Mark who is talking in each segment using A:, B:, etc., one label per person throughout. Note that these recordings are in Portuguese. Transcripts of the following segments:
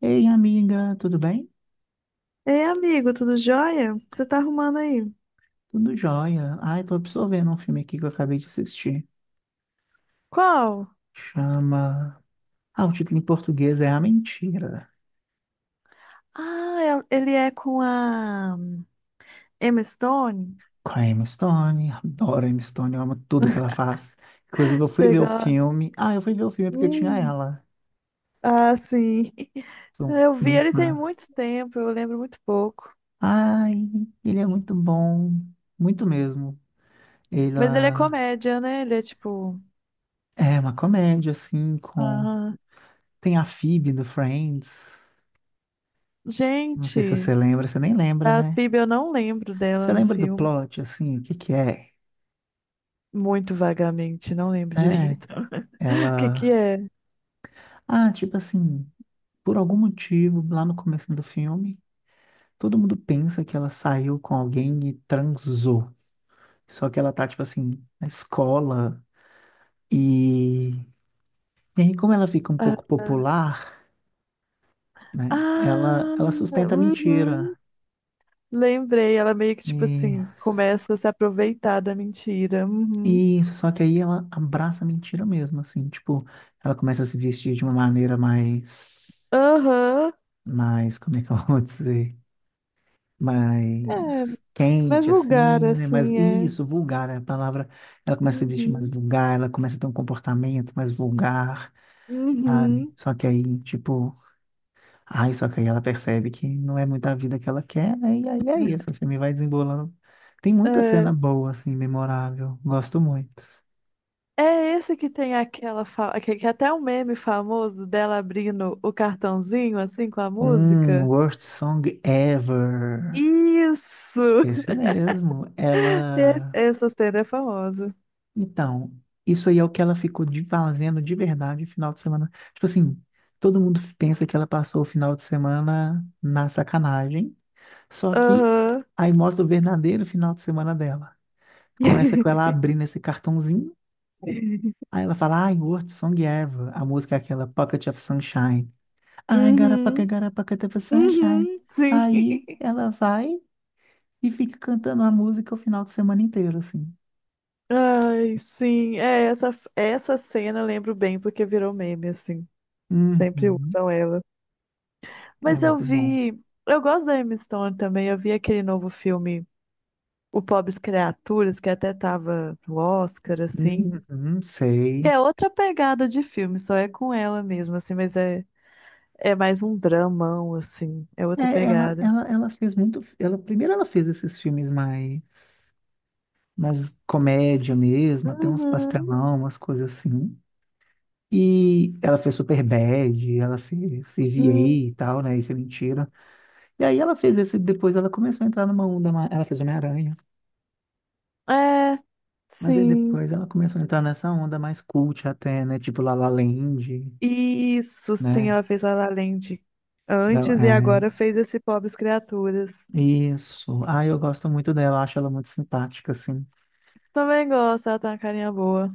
A: Ei, amiga, tudo bem?
B: Ei, amigo, tudo jóia? O que você tá arrumando aí?
A: Tudo jóia. Ai, tô absorvendo um filme aqui que eu acabei de assistir.
B: Qual?
A: Chama. Ah, o título em português é A Mentira.
B: Ah, ele é com a Emma Stone?
A: Com a Emma Stone. Adoro a Emma Stone, eu amo tudo que ela faz. Inclusive, eu fui
B: Você
A: ver o
B: gosta?
A: filme. Ah, eu fui ver o filme porque tinha
B: Hum.
A: ela.
B: Ah, sim.
A: Sou
B: Eu vi
A: bem
B: ele tem
A: fã.
B: muito tempo, eu lembro muito pouco.
A: Ai, ele é muito bom. Muito mesmo.
B: Mas ele é
A: Ela
B: comédia, né? Ele é tipo.
A: é uma comédia, assim, com.
B: Ah,
A: Tem a Phoebe do Friends. Não sei se
B: gente,
A: você lembra, você nem lembra,
B: a
A: né?
B: Phoebe eu não lembro
A: Você
B: dela no
A: lembra do
B: filme.
A: plot, assim, o que que é?
B: Muito vagamente, não lembro
A: É,
B: direito. O que que
A: ela...
B: é?
A: Ah, tipo assim, por algum motivo, lá no começo do filme, todo mundo pensa que ela saiu com alguém e transou. Só que ela tá, tipo assim, na escola e... E aí, como ela fica um
B: Ah,
A: pouco popular, né? Ela,
B: ah,
A: ela sustenta a
B: uhum.
A: mentira.
B: Lembrei, ela meio que, tipo
A: E
B: assim, começa a se aproveitar da mentira. Uhum.
A: isso, só que aí ela abraça a mentira mesmo, assim, tipo, ela começa a se vestir de uma maneira mais,
B: Aham.
A: mais, como é que eu vou dizer?
B: É,
A: Mais
B: mais
A: quente,
B: vulgar,
A: assim, né? Mais,
B: assim, é.
A: isso, vulgar, né? A palavra, ela começa a se vestir mais
B: Uhum.
A: vulgar, ela começa a ter um comportamento mais vulgar, sabe?
B: Uhum.
A: Só que aí, tipo, ai, só que aí ela percebe que não é muita vida que ela quer, né? E aí é isso, o filme vai desembolando. Tem muita cena
B: É.
A: boa, assim, memorável. Gosto muito.
B: É esse que tem aquela. Que até um meme famoso dela abrindo o cartãozinho, assim, com a
A: Um
B: música.
A: Worst Song Ever.
B: Isso!
A: Esse mesmo. Ela.
B: Essa cena é famosa.
A: Então, isso aí é o que ela ficou de fazendo de verdade o final de semana. Tipo assim, todo mundo pensa que ela passou o final de semana na sacanagem, só que
B: Aham.
A: aí mostra o verdadeiro final de semana dela. Começa com ela abrindo esse cartãozinho, aí ela fala, I worked song ever. A música é aquela Pocket of Sunshine. I
B: Uhum.
A: got a pocket of sunshine.
B: Uhum. Sim.
A: Aí ela vai e fica cantando a música o final de semana inteiro, assim.
B: Ai, sim. É, essa cena eu lembro bem porque virou meme, assim. Sempre
A: Uhum,
B: usam ela.
A: é
B: Mas eu
A: muito bom.
B: vi. Eu gosto da Emma Stone também. Eu vi aquele novo filme, O Pobres Criaturas, que até tava no Oscar, assim.
A: Uhum,
B: Que
A: sei.
B: é outra pegada de filme, só é com ela mesmo, assim, mas é mais um dramão, assim. É outra
A: É, ela,
B: pegada.
A: ela, ela fez muito. Ela, primeiro ela fez esses filmes mais, mais comédia mesmo, até uns
B: Uhum.
A: pastelão, umas coisas assim. E ela fez Superbad, ela fez Easy A
B: Hum,
A: e tal, né? Isso é mentira. E aí ela fez esse, depois ela começou a entrar numa onda mais. Ela fez Homem-Aranha.
B: é,
A: Mas aí
B: sim.
A: depois ela começou a entrar nessa onda mais cult até, né? Tipo La La Land,
B: Isso, sim,
A: né?
B: ela fez La La Land
A: Ela-
B: antes e
A: É,
B: agora fez esse Pobres Criaturas.
A: isso. Ah, eu gosto muito dela, acho ela muito simpática, assim.
B: Também gosto, ela tá uma carinha boa.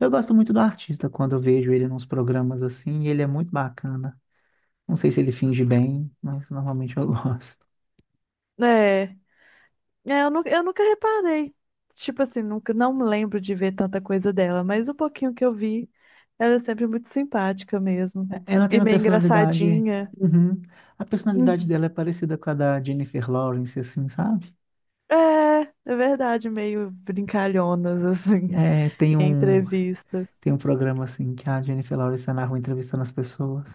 A: Eu gosto muito do artista quando eu vejo ele nos programas assim, e ele é muito bacana. Não sei se ele finge bem, mas normalmente eu gosto.
B: É, é, eu nunca reparei. Tipo assim, nunca, não me lembro de ver tanta coisa dela, mas o pouquinho que eu vi, ela é sempre muito simpática mesmo.
A: É- Ela tem
B: E
A: uma
B: meio
A: personalidade.
B: engraçadinha.
A: Uhum. A personalidade
B: Uhum.
A: dela é parecida com a da Jennifer Lawrence, assim, sabe?
B: É, é verdade, meio brincalhonas, assim,
A: É, tem
B: em
A: um,
B: entrevistas.
A: tem um programa assim que a Jennifer Lawrence tá na rua entrevistando as pessoas,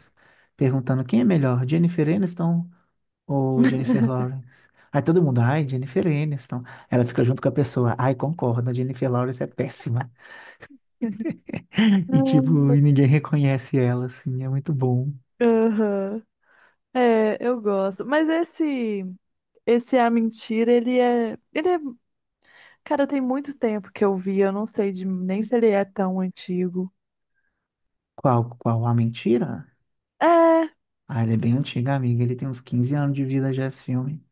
A: perguntando quem é melhor, Jennifer Aniston ou Jennifer Lawrence? Aí todo mundo, ai, Jennifer Aniston. Ela fica junto com a pessoa, ai, concorda, Jennifer Lawrence é péssima. E tipo, e ninguém reconhece ela, assim, é muito bom.
B: Aham. É, eu gosto. Mas esse. Esse A Mentira, ele é. Ele é. Cara, tem muito tempo que eu vi, eu não sei de... nem se ele é tão antigo.
A: Qual, qual a mentira?
B: É,
A: Ah, ele é bem antigo, amiga. Ele tem uns 15 anos de vida já esse filme.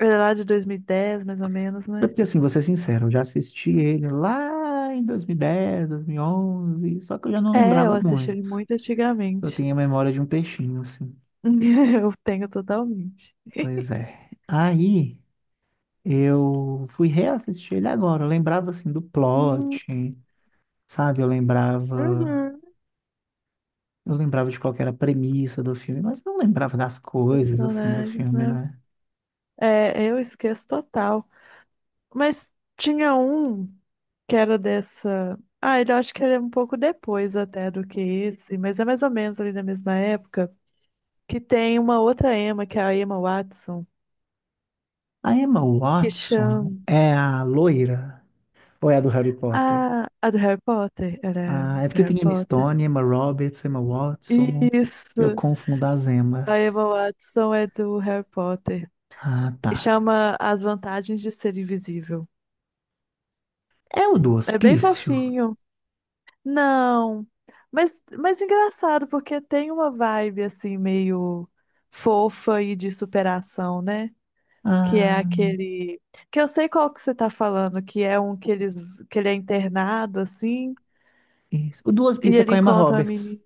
B: ele é lá de 2010, mais ou menos,
A: É.
B: né?
A: Porque assim, vou ser sincero, eu já assisti ele lá em 2010, 2011, só que eu já não
B: É, eu
A: lembrava
B: assisti ele
A: muito.
B: muito
A: Eu
B: antigamente.
A: tenho a memória de um peixinho, assim.
B: Eu tenho totalmente.
A: Pois é. Aí eu fui reassistir ele agora. Eu lembrava assim do
B: Hum,
A: plot, sabe? Eu lembrava
B: uhum.
A: Eu lembrava de qual que era a premissa do filme, mas não lembrava das coisas, assim, do
B: Personagens,
A: filme,
B: né?
A: né?
B: É, eu esqueço total. Mas tinha um que era dessa. Ah, ele eu acho que ele é um pouco depois até do que esse, mas é mais ou menos ali da mesma época. Que tem uma outra Emma, que é a Emma Watson,
A: A Emma
B: que
A: Watson
B: chama.
A: é a loira ou é a do Harry Potter?
B: Ah, a do Harry Potter. Era ela,
A: Ah, é
B: do
A: porque
B: Harry
A: tem Emma
B: Potter.
A: Stone, Emma Roberts, Emma Watson. Eu
B: Isso!
A: confundo as
B: A Emma
A: Emmas.
B: Watson é do Harry Potter.
A: Ah, tá.
B: E chama As Vantagens de Ser Invisível.
A: É o do
B: É bem
A: Hospício?
B: fofinho. Não. Mas engraçado, porque tem uma vibe assim, meio fofa e de superação, né? Que é
A: Ah,
B: aquele. Que eu sei qual que você tá falando, que é um que ele é internado, assim,
A: isso. O do
B: e
A: Hospício é
B: ele
A: com a Emma
B: encontra a
A: Roberts,
B: menina.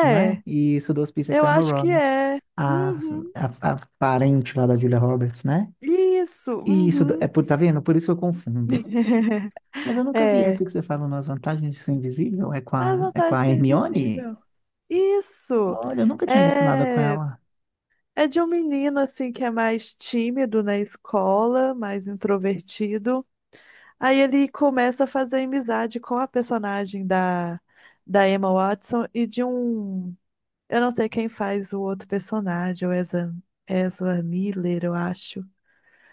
A: não é? Isso, o do Hospício é
B: eu
A: com a Emma
B: acho que
A: Roberts.
B: é.
A: A,
B: Uhum.
A: a parente lá da Julia Roberts, né?
B: Isso,
A: Isso, é
B: uhum.
A: por, tá vendo? Por isso eu confundo. Mas eu nunca vi
B: É.
A: esse que você falou nas vantagens de ser invisível. É com
B: As
A: a, é com
B: vantagens de
A: a
B: ser
A: Hermione?
B: invisível. Isso.
A: Olha, eu nunca tinha visto nada com
B: É,
A: ela.
B: é de um menino assim que é mais tímido na escola, mais introvertido. Aí ele começa a fazer amizade com a personagem da Emma Watson e de um. Eu não sei quem faz o outro personagem, o Ezra, Ezra Miller, eu acho.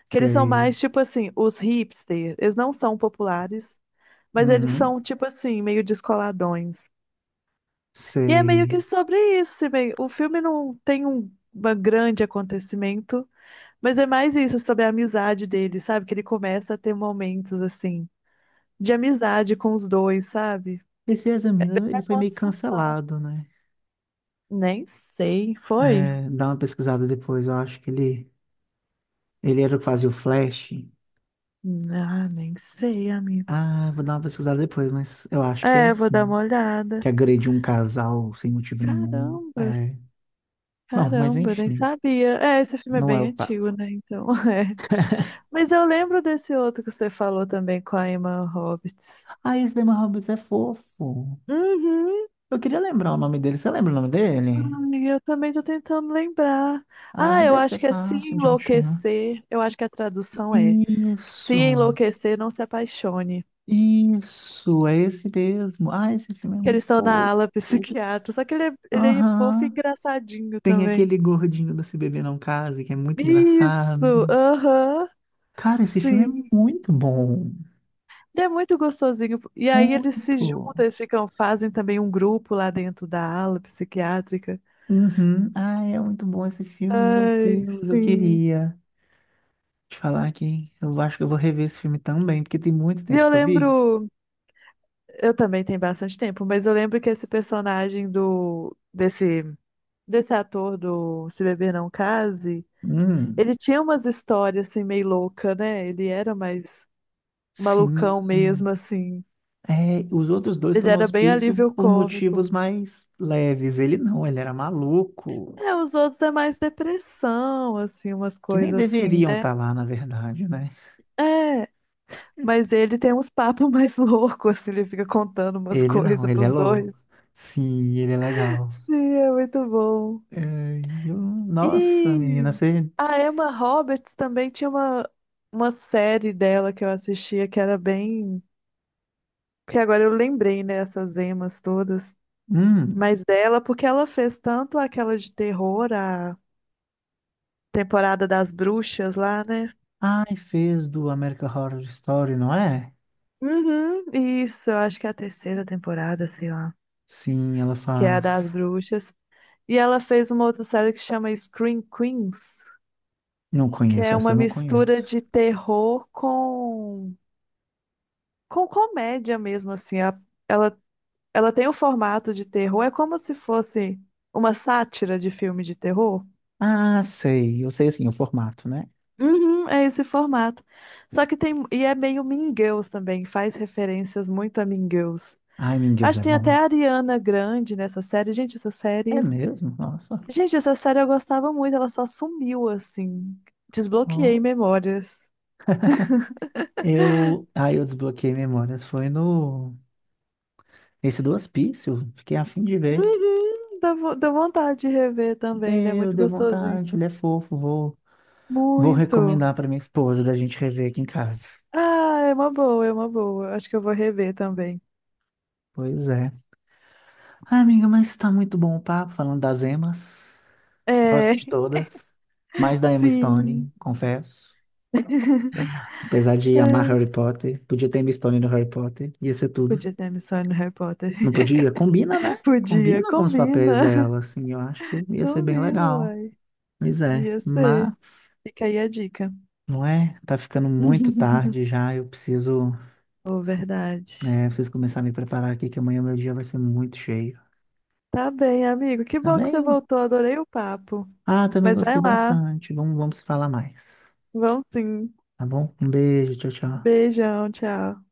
B: Que eles são
A: Sei.
B: mais, tipo assim, os hipsters. Eles não são populares, mas eles
A: Uhum,
B: são, tipo assim, meio descoladões. E é meio que
A: sei.
B: sobre isso, assim, o filme não tem uma grande acontecimento, mas é mais isso, sobre a amizade dele, sabe? Que ele começa a ter momentos, assim, de amizade com os dois, sabe?
A: Esse Examina,
B: É
A: ele
B: a
A: foi meio
B: construção.
A: cancelado, né?
B: Nem sei, foi?
A: É, dá uma pesquisada depois, eu acho que ele... Ele era o que fazia o Flash.
B: Ah, nem sei, amigo.
A: Ah, vou dar uma pesquisada depois, mas eu acho que é
B: É, vou dar
A: assim.
B: uma
A: Que
B: olhada.
A: agrediu um casal sem motivo nenhum.
B: Caramba!
A: É. Bom, mas
B: Caramba, eu nem
A: enfim,
B: sabia. É, esse filme é
A: não é
B: bem
A: o papo.
B: antigo, né? Então, é. Mas eu lembro desse outro que você falou também com a Emma Roberts.
A: Ah, esse Damon Roberts é fofo.
B: Uhum.
A: Eu queria lembrar o nome dele. Você lembra o nome dele?
B: Ai, eu também tô tentando lembrar.
A: Ah,
B: Ah,
A: mas
B: eu
A: deve ser
B: acho que é Se
A: fácil de achar.
B: Enlouquecer. Eu acho que a tradução é Se
A: Isso,
B: Enlouquecer, Não Se Apaixone.
A: isso, é esse mesmo. Ah, esse filme é
B: Que eles
A: muito
B: estão na
A: fofo.
B: ala psiquiátrica. Só que ele é fofo e
A: Aham.
B: engraçadinho
A: Tem
B: também.
A: aquele gordinho da Se Beber Não Case, que é muito
B: Isso!
A: engraçado.
B: Aham!
A: Cara, esse filme
B: Sim.
A: é muito bom.
B: E é muito gostosinho. E aí eles
A: Muito.
B: se juntam, eles ficam, fazem também um grupo lá dentro da ala psiquiátrica.
A: Uhum. Ah, é muito bom esse filme, meu
B: Ai,
A: Deus. Eu
B: sim.
A: queria te falar que eu acho que eu vou rever esse filme também, porque tem muito
B: E
A: tempo
B: eu
A: que eu vi.
B: lembro, eu também tenho bastante tempo, mas eu lembro que esse personagem do desse desse ator do Se Beber Não Case,
A: Hum,
B: ele tinha umas histórias assim meio louca, né? Ele era mais
A: sim.
B: malucão mesmo assim.
A: É, os outros dois estão
B: Ele
A: no
B: era bem
A: hospício
B: alívio
A: por motivos
B: cômico.
A: mais leves. Ele não, ele era maluco,
B: É, os outros é mais depressão, assim, umas
A: que nem
B: coisas assim,
A: deveriam
B: né?
A: estar lá, na verdade, né?
B: É. Mas ele tem uns papos mais loucos, assim, ele fica contando umas
A: Ele não,
B: coisas
A: ele é
B: pros
A: louco.
B: dois.
A: Sim, ele é legal.
B: Sim, é muito bom.
A: É, e eu- nossa, menina,
B: E
A: você.
B: a Emma Roberts também tinha uma, série dela que eu assistia que era bem. Porque agora eu lembrei, né, essas emas todas.
A: Hum.
B: Mas dela, porque ela fez tanto aquela de terror, a temporada das bruxas lá, né?
A: Ai, fez do American Horror Story, não é?
B: Uhum, isso, eu acho que é a terceira temporada, sei lá,
A: Sim, ela
B: que é a das
A: faz.
B: bruxas. E ela fez uma outra série que chama Scream Queens,
A: Não
B: que
A: conheço,
B: é
A: essa
B: uma
A: eu não conheço.
B: mistura de terror com comédia mesmo, assim. Ela, ela tem o formato de terror, é como se fosse uma sátira de filme de terror.
A: Ah, sei, eu sei assim, o formato, né?
B: Uhum, é esse formato. Só que tem. E é meio Mean Girls também, faz referências muito a Mean Girls.
A: Ai, meu Deus,
B: Acho
A: é
B: que tem até
A: bom.
B: a Ariana Grande nessa série. Gente, essa
A: É
B: série.
A: mesmo? Nossa.
B: Gente, essa série eu gostava muito, ela só sumiu, assim. Desbloqueei memórias.
A: Aí eu desbloqueei memórias, foi no nesse do hospício, fiquei a fim de ver.
B: Uhum, dá vontade de rever também, ele é
A: Deu,
B: muito
A: deu vontade,
B: gostosinho.
A: ele é fofo, vou recomendar
B: Muito.
A: para minha esposa da gente rever aqui em casa.
B: Ah, é uma boa, é uma boa. Acho que eu vou rever também.
A: Pois é. Ah, amiga, mas tá muito bom o papo falando das emas. Gosto de
B: É,
A: todas, mais da Emma
B: sim.
A: Stone, confesso. Apesar de amar Harry
B: É,
A: Potter, podia ter Emma Stone no Harry Potter, ia ser tudo.
B: podia ter a missão no Harry Potter.
A: Não podia? Combina, né?
B: Podia,
A: Combina com os papéis
B: combina.
A: dela, assim, eu acho que ia ser bem
B: Combina,
A: legal.
B: uai.
A: Pois é,
B: Ia ser.
A: mas
B: Fica aí a dica.
A: não é? Tá ficando muito tarde já. Eu preciso,
B: Oh, verdade.
A: é, preciso começar a me preparar aqui, que amanhã meu dia vai ser muito cheio.
B: Tá bem, amigo. Que
A: Tá
B: bom que você
A: bem?
B: voltou. Adorei o papo.
A: Ah, também
B: Mas vai
A: gostei
B: lá.
A: bastante. Vamos se falar mais.
B: Vão sim.
A: Tá bom? Um beijo, tchau, tchau.
B: Beijão, tchau.